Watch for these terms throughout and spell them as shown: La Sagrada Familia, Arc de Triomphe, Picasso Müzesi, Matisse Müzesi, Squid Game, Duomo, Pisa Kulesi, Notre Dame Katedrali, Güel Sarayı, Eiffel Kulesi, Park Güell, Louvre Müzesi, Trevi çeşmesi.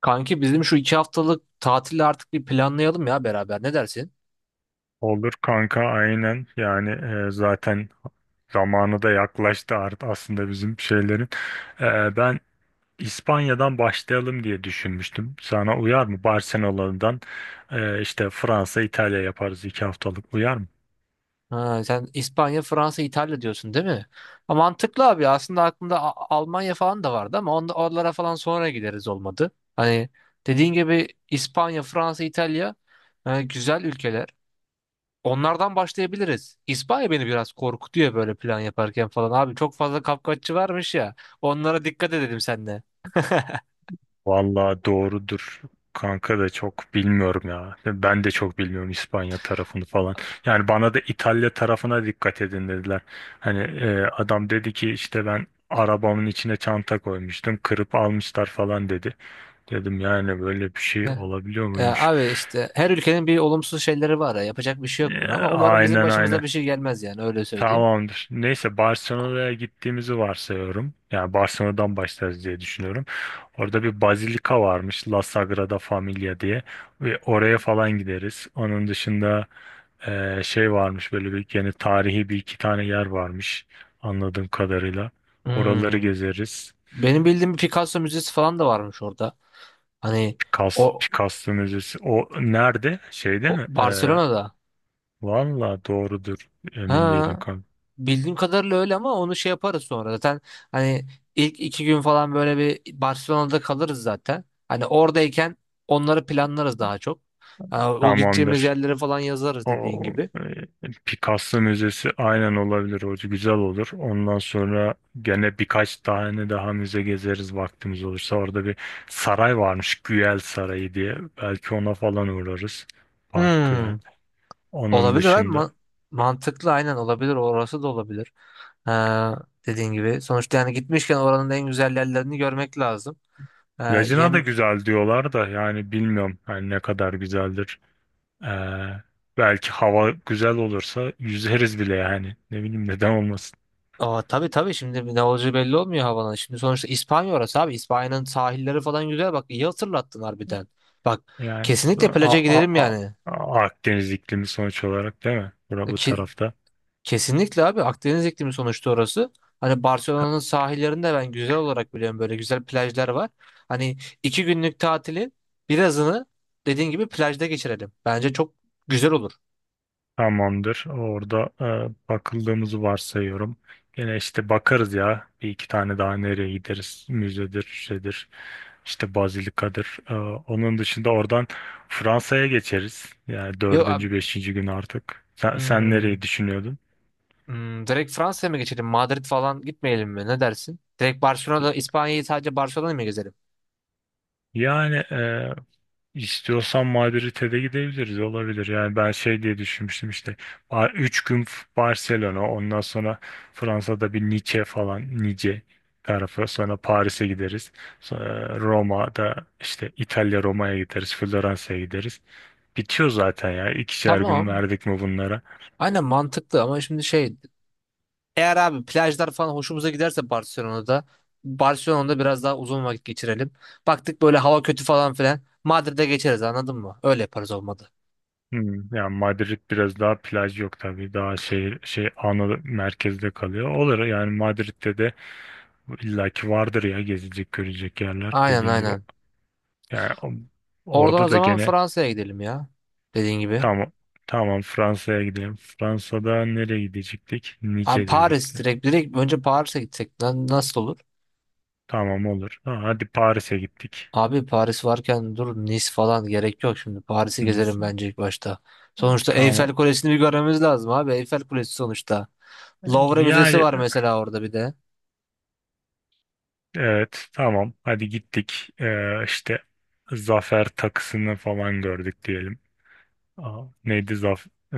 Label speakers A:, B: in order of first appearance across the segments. A: Kanki bizim şu iki haftalık tatili artık bir planlayalım ya beraber. Ne dersin?
B: Olur kanka aynen yani zaten zamanı da yaklaştı artık aslında bizim şeylerin. Ben İspanya'dan başlayalım diye düşünmüştüm. Sana uyar mı? Barcelona'dan işte Fransa, İtalya yaparız iki haftalık uyar mı?
A: Ha, sen İspanya, Fransa, İtalya diyorsun değil mi? Ha, mantıklı abi. Aslında aklımda Almanya falan da vardı ama oralara falan sonra gideriz olmadı. Hani dediğin gibi İspanya, Fransa, İtalya, güzel ülkeler. Onlardan başlayabiliriz. İspanya beni biraz korkutuyor böyle plan yaparken falan. Abi çok fazla kapkaççı varmış ya. Onlara dikkat edelim senle.
B: Vallahi doğrudur. Kanka da çok bilmiyorum ya. Ben de çok bilmiyorum İspanya tarafını falan. Yani bana da İtalya tarafına dikkat edin dediler. Hani adam dedi ki işte ben arabamın içine çanta koymuştum. Kırıp almışlar falan dedi. Dedim yani böyle bir şey
A: Heh.
B: olabiliyor
A: E,
B: muymuş?
A: abi işte her ülkenin bir olumsuz şeyleri var ya. Yapacak bir şey yok
B: E,
A: buna ama umarım bizim
B: aynen
A: başımıza
B: aynen.
A: bir şey gelmez, yani öyle söyleyeyim.
B: Tamamdır. Neyse Barcelona'ya gittiğimizi varsayıyorum. Yani Barcelona'dan başlarız diye düşünüyorum. Orada bir bazilika varmış La Sagrada Familia diye. Ve oraya falan gideriz. Onun dışında şey varmış böyle bir yani tarihi bir iki tane yer varmış anladığım kadarıyla. Oraları
A: Hmm.
B: gezeriz.
A: Benim bildiğim bir Picasso müzesi falan da varmış orada. Hani
B: Picasso,
A: o,
B: Picasso Müzesi. O nerede? Şeyde
A: o
B: mi?
A: Barcelona'da.
B: Valla doğrudur. Emin değilim
A: Ha,
B: kanka.
A: bildiğim kadarıyla öyle ama onu şey yaparız sonra. Zaten hani ilk iki gün falan böyle bir Barcelona'da kalırız zaten. Hani oradayken onları planlarız daha çok. Ha, o gideceğimiz
B: Tamamdır.
A: yerleri falan yazarız dediğin
B: O
A: gibi.
B: Picasso Müzesi aynen olabilir hoca güzel olur. Ondan sonra gene birkaç tane daha müze gezeriz vaktimiz olursa. Orada bir saray varmış Güel Sarayı diye. Belki ona falan uğrarız. Park Güell.
A: Hmm,
B: Onun
A: olabilir abi.
B: dışında.
A: Mantıklı aynen olabilir. Orası da olabilir. Ha, dediğin gibi. Sonuçta yani gitmişken oranın en güzel yerlerini görmek lazım. Ha,
B: Lacina da
A: yem
B: güzel diyorlar da yani bilmiyorum yani ne kadar güzeldir. Ee, Belki hava güzel olursa yüzeriz bile yani. Ne bileyim neden olmasın.
A: Aa, tabii tabii, şimdi ne olacağı belli olmuyor havanın. Şimdi sonuçta İspanya orası abi. İspanya'nın sahilleri falan güzel. Bak iyi hatırlattın harbiden. Bak,
B: Yani işte
A: kesinlikle plaja gidelim yani.
B: Akdeniz iklimi sonuç olarak değil mi? Bura
A: E,
B: bu
A: Ki,
B: tarafta.
A: Kesinlikle abi, Akdeniz iklimi sonuçta orası. Hani Barcelona'nın sahillerinde ben güzel olarak biliyorum, böyle güzel plajlar var. Hani iki günlük tatilin birazını dediğin gibi plajda geçirelim. Bence çok güzel olur.
B: Tamamdır. Orada bakıldığımızı varsayıyorum. Gene işte bakarız ya. Bir iki tane daha nereye gideriz? Müzedir, şeydir, işte Bazilika'dır. Onun dışında oradan Fransa'ya geçeriz. Yani
A: Yo,
B: dördüncü, beşinci gün artık. Sen
A: hmm.
B: nereyi düşünüyordun?
A: Hmm, direkt Fransa'ya mı geçelim? Madrid falan gitmeyelim mi? Ne dersin? Direkt Barcelona'da, İspanya'yı sadece Barcelona'yı mı gezelim?
B: Yani İstiyorsan Madrid'e de gidebiliriz olabilir. Yani ben şey diye düşünmüştüm işte 3 gün Barcelona ondan sonra Fransa'da bir Nice falan Nice tarafı sonra Paris'e gideriz. Sonra Roma'da işte İtalya Roma'ya gideriz Floransa'ya gideriz. Bitiyor zaten ya ikişer gün
A: Tamam.
B: verdik mi bunlara.
A: Aynen, mantıklı ama şimdi eğer abi plajlar falan hoşumuza giderse Barcelona'da biraz daha uzun vakit geçirelim. Baktık böyle hava kötü falan filan, Madrid'e geçeriz, anladın mı? Öyle yaparız olmadı.
B: Hmm, yani Madrid biraz daha plaj yok tabii daha şehir şey ana merkezde kalıyor. Olur yani Madrid'de de illaki vardır ya gezilecek görecek yerler
A: Aynen
B: dediğin gibi.
A: aynen.
B: Yani
A: Oradan o
B: orada da
A: zaman
B: gene
A: Fransa'ya gidelim ya. Dediğin gibi.
B: tamam, tamam Fransa'ya gidelim. Fransa'da nereye gidecektik?
A: Abi
B: Nice
A: Paris,
B: dedik de.
A: direkt direkt önce Paris'e gitsek nasıl olur?
B: Tamam olur. Ha, hadi Paris'e gittik.
A: Abi Paris varken dur, Nice falan gerek yok şimdi. Paris'i
B: Nice.
A: gezelim bence ilk başta. Sonuçta
B: Tamam.
A: Eyfel Kulesi'ni bir görmemiz lazım abi. Eyfel Kulesi sonuçta. Louvre Müzesi
B: Yani
A: var mesela orada bir de.
B: evet tamam. Hadi gittik. İşte zafer takısını falan gördük diyelim. Aa, neydi zaf? ee,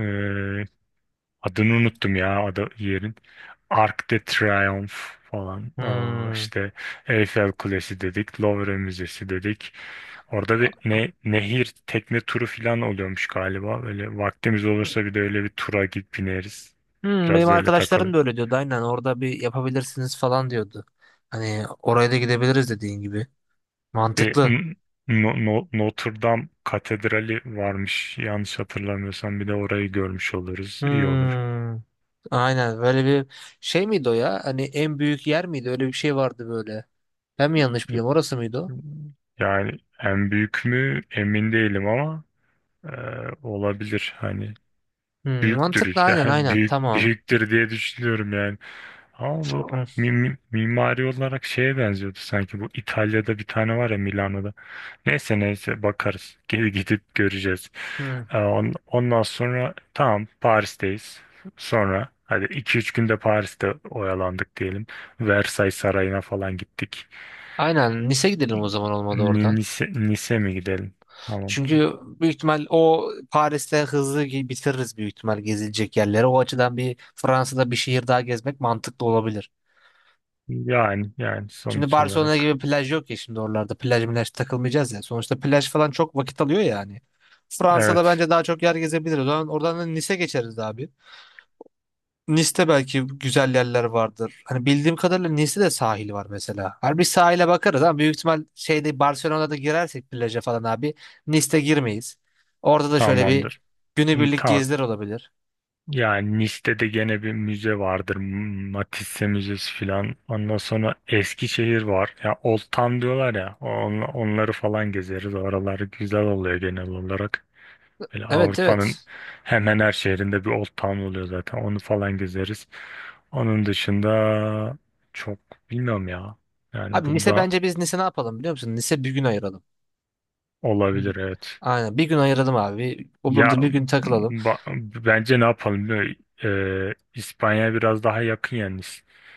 B: Adını unuttum ya ada yerin. Arc de Triomphe falan. Aa,
A: Hmm.
B: işte Eiffel Kulesi dedik. Louvre Müzesi dedik. Orada bir nehir tekne turu falan oluyormuş galiba. Böyle vaktimiz olursa bir de öyle bir tura gidip bineriz.
A: Hmm,
B: Biraz
A: benim
B: da öyle
A: arkadaşlarım
B: takılır.
A: da öyle diyordu. Aynen, orada bir yapabilirsiniz falan diyordu. Hani oraya da gidebiliriz dediğin gibi.
B: Bir
A: Mantıklı.
B: N- No- No- Notre Dame Katedrali varmış. Yanlış hatırlamıyorsam bir de orayı görmüş oluruz. İyi olur.
A: Hmm. Aynen, böyle bir şey miydi o ya? Hani en büyük yer miydi? Öyle bir şey vardı böyle. Ben mi yanlış biliyorum? Orası mıydı o?
B: Yani en büyük mü emin değilim ama. Ee, Olabilir hani
A: Hmm, mantıklı
B: büyüktür
A: aynen
B: yani
A: aynen
B: büyük
A: tamam.
B: büyüktür diye düşünüyorum yani, ama bu
A: Hı,
B: mimari olarak şeye benziyordu sanki bu İtalya'da bir tane var ya Milano'da. Neyse neyse bakarız. Gidip göreceğiz.
A: hı.
B: Ondan sonra tamam Paris'teyiz sonra hadi iki üç günde Paris'te oyalandık diyelim, Versailles Sarayı'na falan gittik.
A: Aynen, Nice gidelim o zaman olmadı oradan.
B: Nice mi gidelim tamam
A: Çünkü büyük ihtimal o Paris'te hızlı bitiririz büyük ihtimal gezilecek yerleri. O açıdan bir Fransa'da bir şehir daha gezmek mantıklı olabilir.
B: yani, yani
A: Şimdi
B: sonuç
A: Barcelona gibi
B: olarak
A: plaj yok ya, şimdi oralarda plaj milaj takılmayacağız ya. Sonuçta plaj falan çok vakit alıyor yani. Fransa'da
B: evet.
A: bence daha çok yer gezebiliriz. O zaman oradan da Nice geçeriz abi. Nice'te belki güzel yerler vardır. Hani bildiğim kadarıyla Nice'te de sahil var mesela. Hani bir sahile bakarız ama büyük ihtimal şeyde, Barcelona'da girersek plaja falan abi, Nice'te girmeyiz. Orada da şöyle bir
B: Tamamdır. Hı,
A: günübirlik
B: tamam.
A: geziler olabilir.
B: Yani Nice'de de gene bir müze vardır. Matisse Müzesi filan. Ondan sonra Eskişehir var. Ya Old Town diyorlar ya. Onları falan gezeriz. Oralar güzel oluyor genel olarak. Böyle
A: Evet
B: Avrupa'nın
A: evet.
B: hemen her şehrinde bir Old Town oluyor zaten. Onu falan gezeriz. Onun dışında çok bilmiyorum ya. Yani
A: Abi
B: bu
A: Nice,
B: da
A: bence biz Nice ne yapalım biliyor musun? Nice bir gün ayıralım. Hı.
B: olabilir evet.
A: Aynen bir gün ayıralım abi. O
B: Ya
A: burada bir gün takılalım.
B: ba- bence ne yapalım biliyor musun? İspanya biraz daha yakın yani.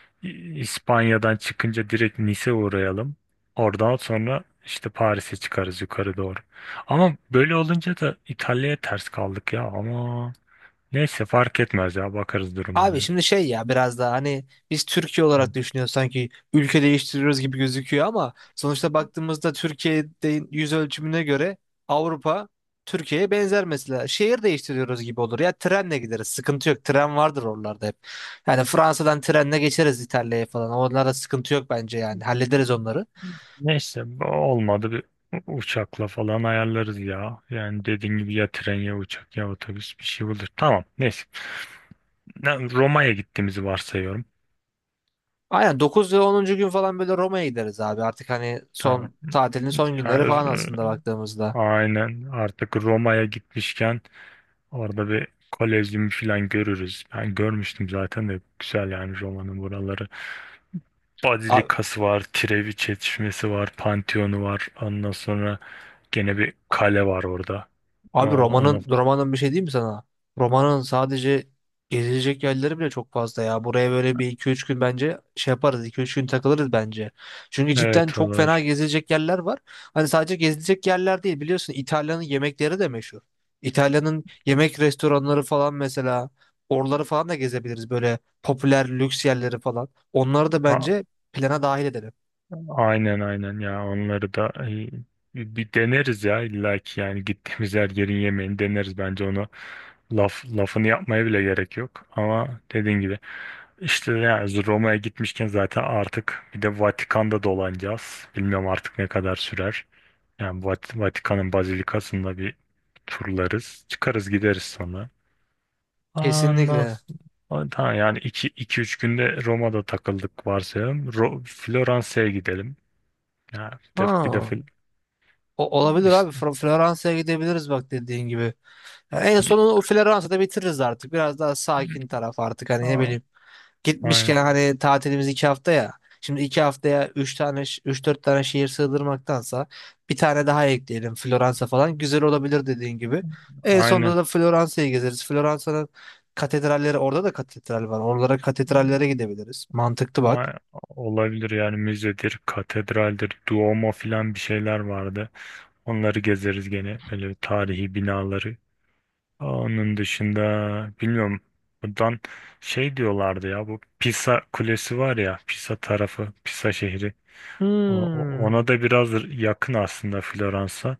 B: İspanya'dan çıkınca direkt Nice uğrayalım. Oradan sonra işte Paris'e çıkarız yukarı doğru. Ama böyle olunca da İtalya'ya ters kaldık ya. Ama neyse fark etmez ya bakarız duruma
A: Abi
B: göre.
A: şimdi şey ya, biraz daha hani biz Türkiye olarak düşünüyoruz, sanki ülke değiştiriyoruz gibi gözüküyor ama sonuçta baktığımızda Türkiye'de yüz ölçümüne göre Avrupa Türkiye'ye benzer mesela. Şehir değiştiriyoruz gibi olur ya, trenle gideriz, sıkıntı yok, tren vardır oralarda hep. Yani Fransa'dan trenle geçeriz, İtalya'ya falan onlarda sıkıntı yok bence, yani hallederiz onları.
B: Neyse olmadı bir uçakla falan ayarlarız ya. Yani dediğin gibi ya tren ya uçak ya otobüs bir şey olur. Tamam neyse. Roma'ya gittiğimizi varsayıyorum.
A: Aynen 9 ve 10. gün falan böyle Roma'ya gideriz abi, artık hani
B: Tamam.
A: son tatilin son
B: Ya,
A: günleri falan
B: r-
A: aslında baktığımızda.
B: aynen artık Roma'ya gitmişken orada bir kolezyum falan görürüz. Ben görmüştüm zaten de güzel yani Roma'nın buraları. Bazilikası var, Trevi çeşmesi var, Pantheon'u var. Ondan sonra gene bir kale var orada. O,
A: Abi
B: Onu
A: romanın bir şey değil mi sana? Romanın sadece gezilecek yerleri bile çok fazla ya. Buraya böyle bir iki üç gün bence şey yaparız. İki üç gün takılırız bence. Çünkü cidden
B: evet
A: çok fena
B: olur.
A: gezilecek yerler var. Hani sadece gezilecek yerler değil, biliyorsun İtalya'nın yemekleri de meşhur. İtalya'nın yemek restoranları falan mesela, oraları falan da gezebiliriz böyle popüler lüks yerleri falan. Onları da
B: A-
A: bence plana dahil edelim.
B: aynen aynen ya onları da bir deneriz ya illa ki yani gittiğimiz her yerin yemeğini deneriz bence onu. Lafını yapmaya bile gerek yok. Ama dediğin gibi işte yani Roma'ya gitmişken zaten artık bir de Vatikan'da dolanacağız. Bilmiyorum artık ne kadar sürer. Yani Vatikan'ın bazilikasında bir turlarız. Çıkarız gideriz sonra. Ondan
A: Kesinlikle.
B: s- Tamam yani 2-3 günde Roma'da takıldık varsayalım. Floransa'ya gidelim. Yani bir de
A: Ha. O olabilir abi.
B: İşte-
A: Floransa'ya gidebiliriz bak, dediğin gibi. Ya, en sonunu o Floransa'da bitiririz artık. Biraz daha sakin taraf artık, hani ne
B: Aa,
A: bileyim. Gitmişken,
B: aynen.
A: hani tatilimiz iki hafta ya. Şimdi iki haftaya üç tane, üç dört tane şehir sığdırmaktansa bir tane daha ekleyelim, Floransa falan. Güzel olabilir dediğin gibi. En
B: Aynen.
A: sonunda da Floransa'yı gezeriz. Floransa'nın katedralleri, orada da katedral var. Oralara, katedrallere gidebiliriz. Mantıklı bak.
B: A- Olabilir yani müzedir, katedraldir, Duomo filan bir şeyler vardı. Onları gezeriz gene öyle tarihi binaları. Onun dışında bilmiyorum buradan şey diyorlardı ya bu Pisa Kulesi var ya Pisa tarafı, Pisa şehri.
A: Hmm.
B: Ona da biraz yakın aslında Floransa.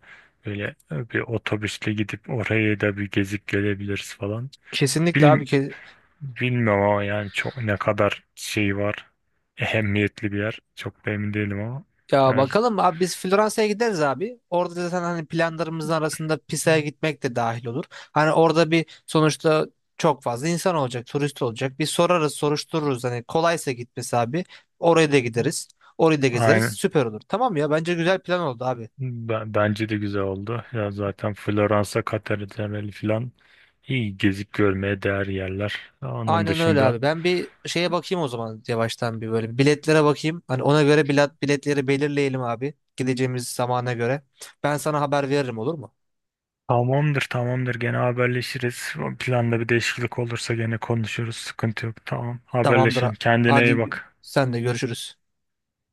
B: Böyle bir otobüsle gidip oraya da bir gezip gelebiliriz falan.
A: Kesinlikle
B: Bil,
A: abi.
B: Bilmiyorum ama yani çok ne kadar şey var. Ehemmiyetli bir yer. Çok da emin değilim ama.
A: Ya
B: Yani
A: bakalım abi, biz Floransa'ya gideriz abi. Orada zaten hani planlarımızın arasında Pisa'ya gitmek de dahil olur. Hani orada bir sonuçta çok fazla insan olacak, turist olacak. Bir sorarız, soruştururuz. Hani kolaysa gitmesi abi. Oraya da gideriz. Orayı da gezeriz.
B: aynen.
A: Süper olur. Tamam ya, bence güzel plan oldu abi.
B: Bence de güzel oldu. Ya zaten Floransa, Katedrali falan iyi gezip görmeye değer yerler. Onun
A: Aynen öyle
B: dışında
A: abi. Ben bir şeye bakayım o zaman, yavaştan bir böyle biletlere bakayım. Hani ona göre biletleri belirleyelim abi. Gideceğimiz zamana göre. Ben sana haber veririm olur mu?
B: tamamdır, tamamdır gene haberleşiriz. O planda bir değişiklik olursa gene konuşuruz. Sıkıntı yok. Tamam
A: Tamamdır.
B: haberleşelim. Kendine iyi
A: Hadi
B: bak.
A: sen de görüşürüz.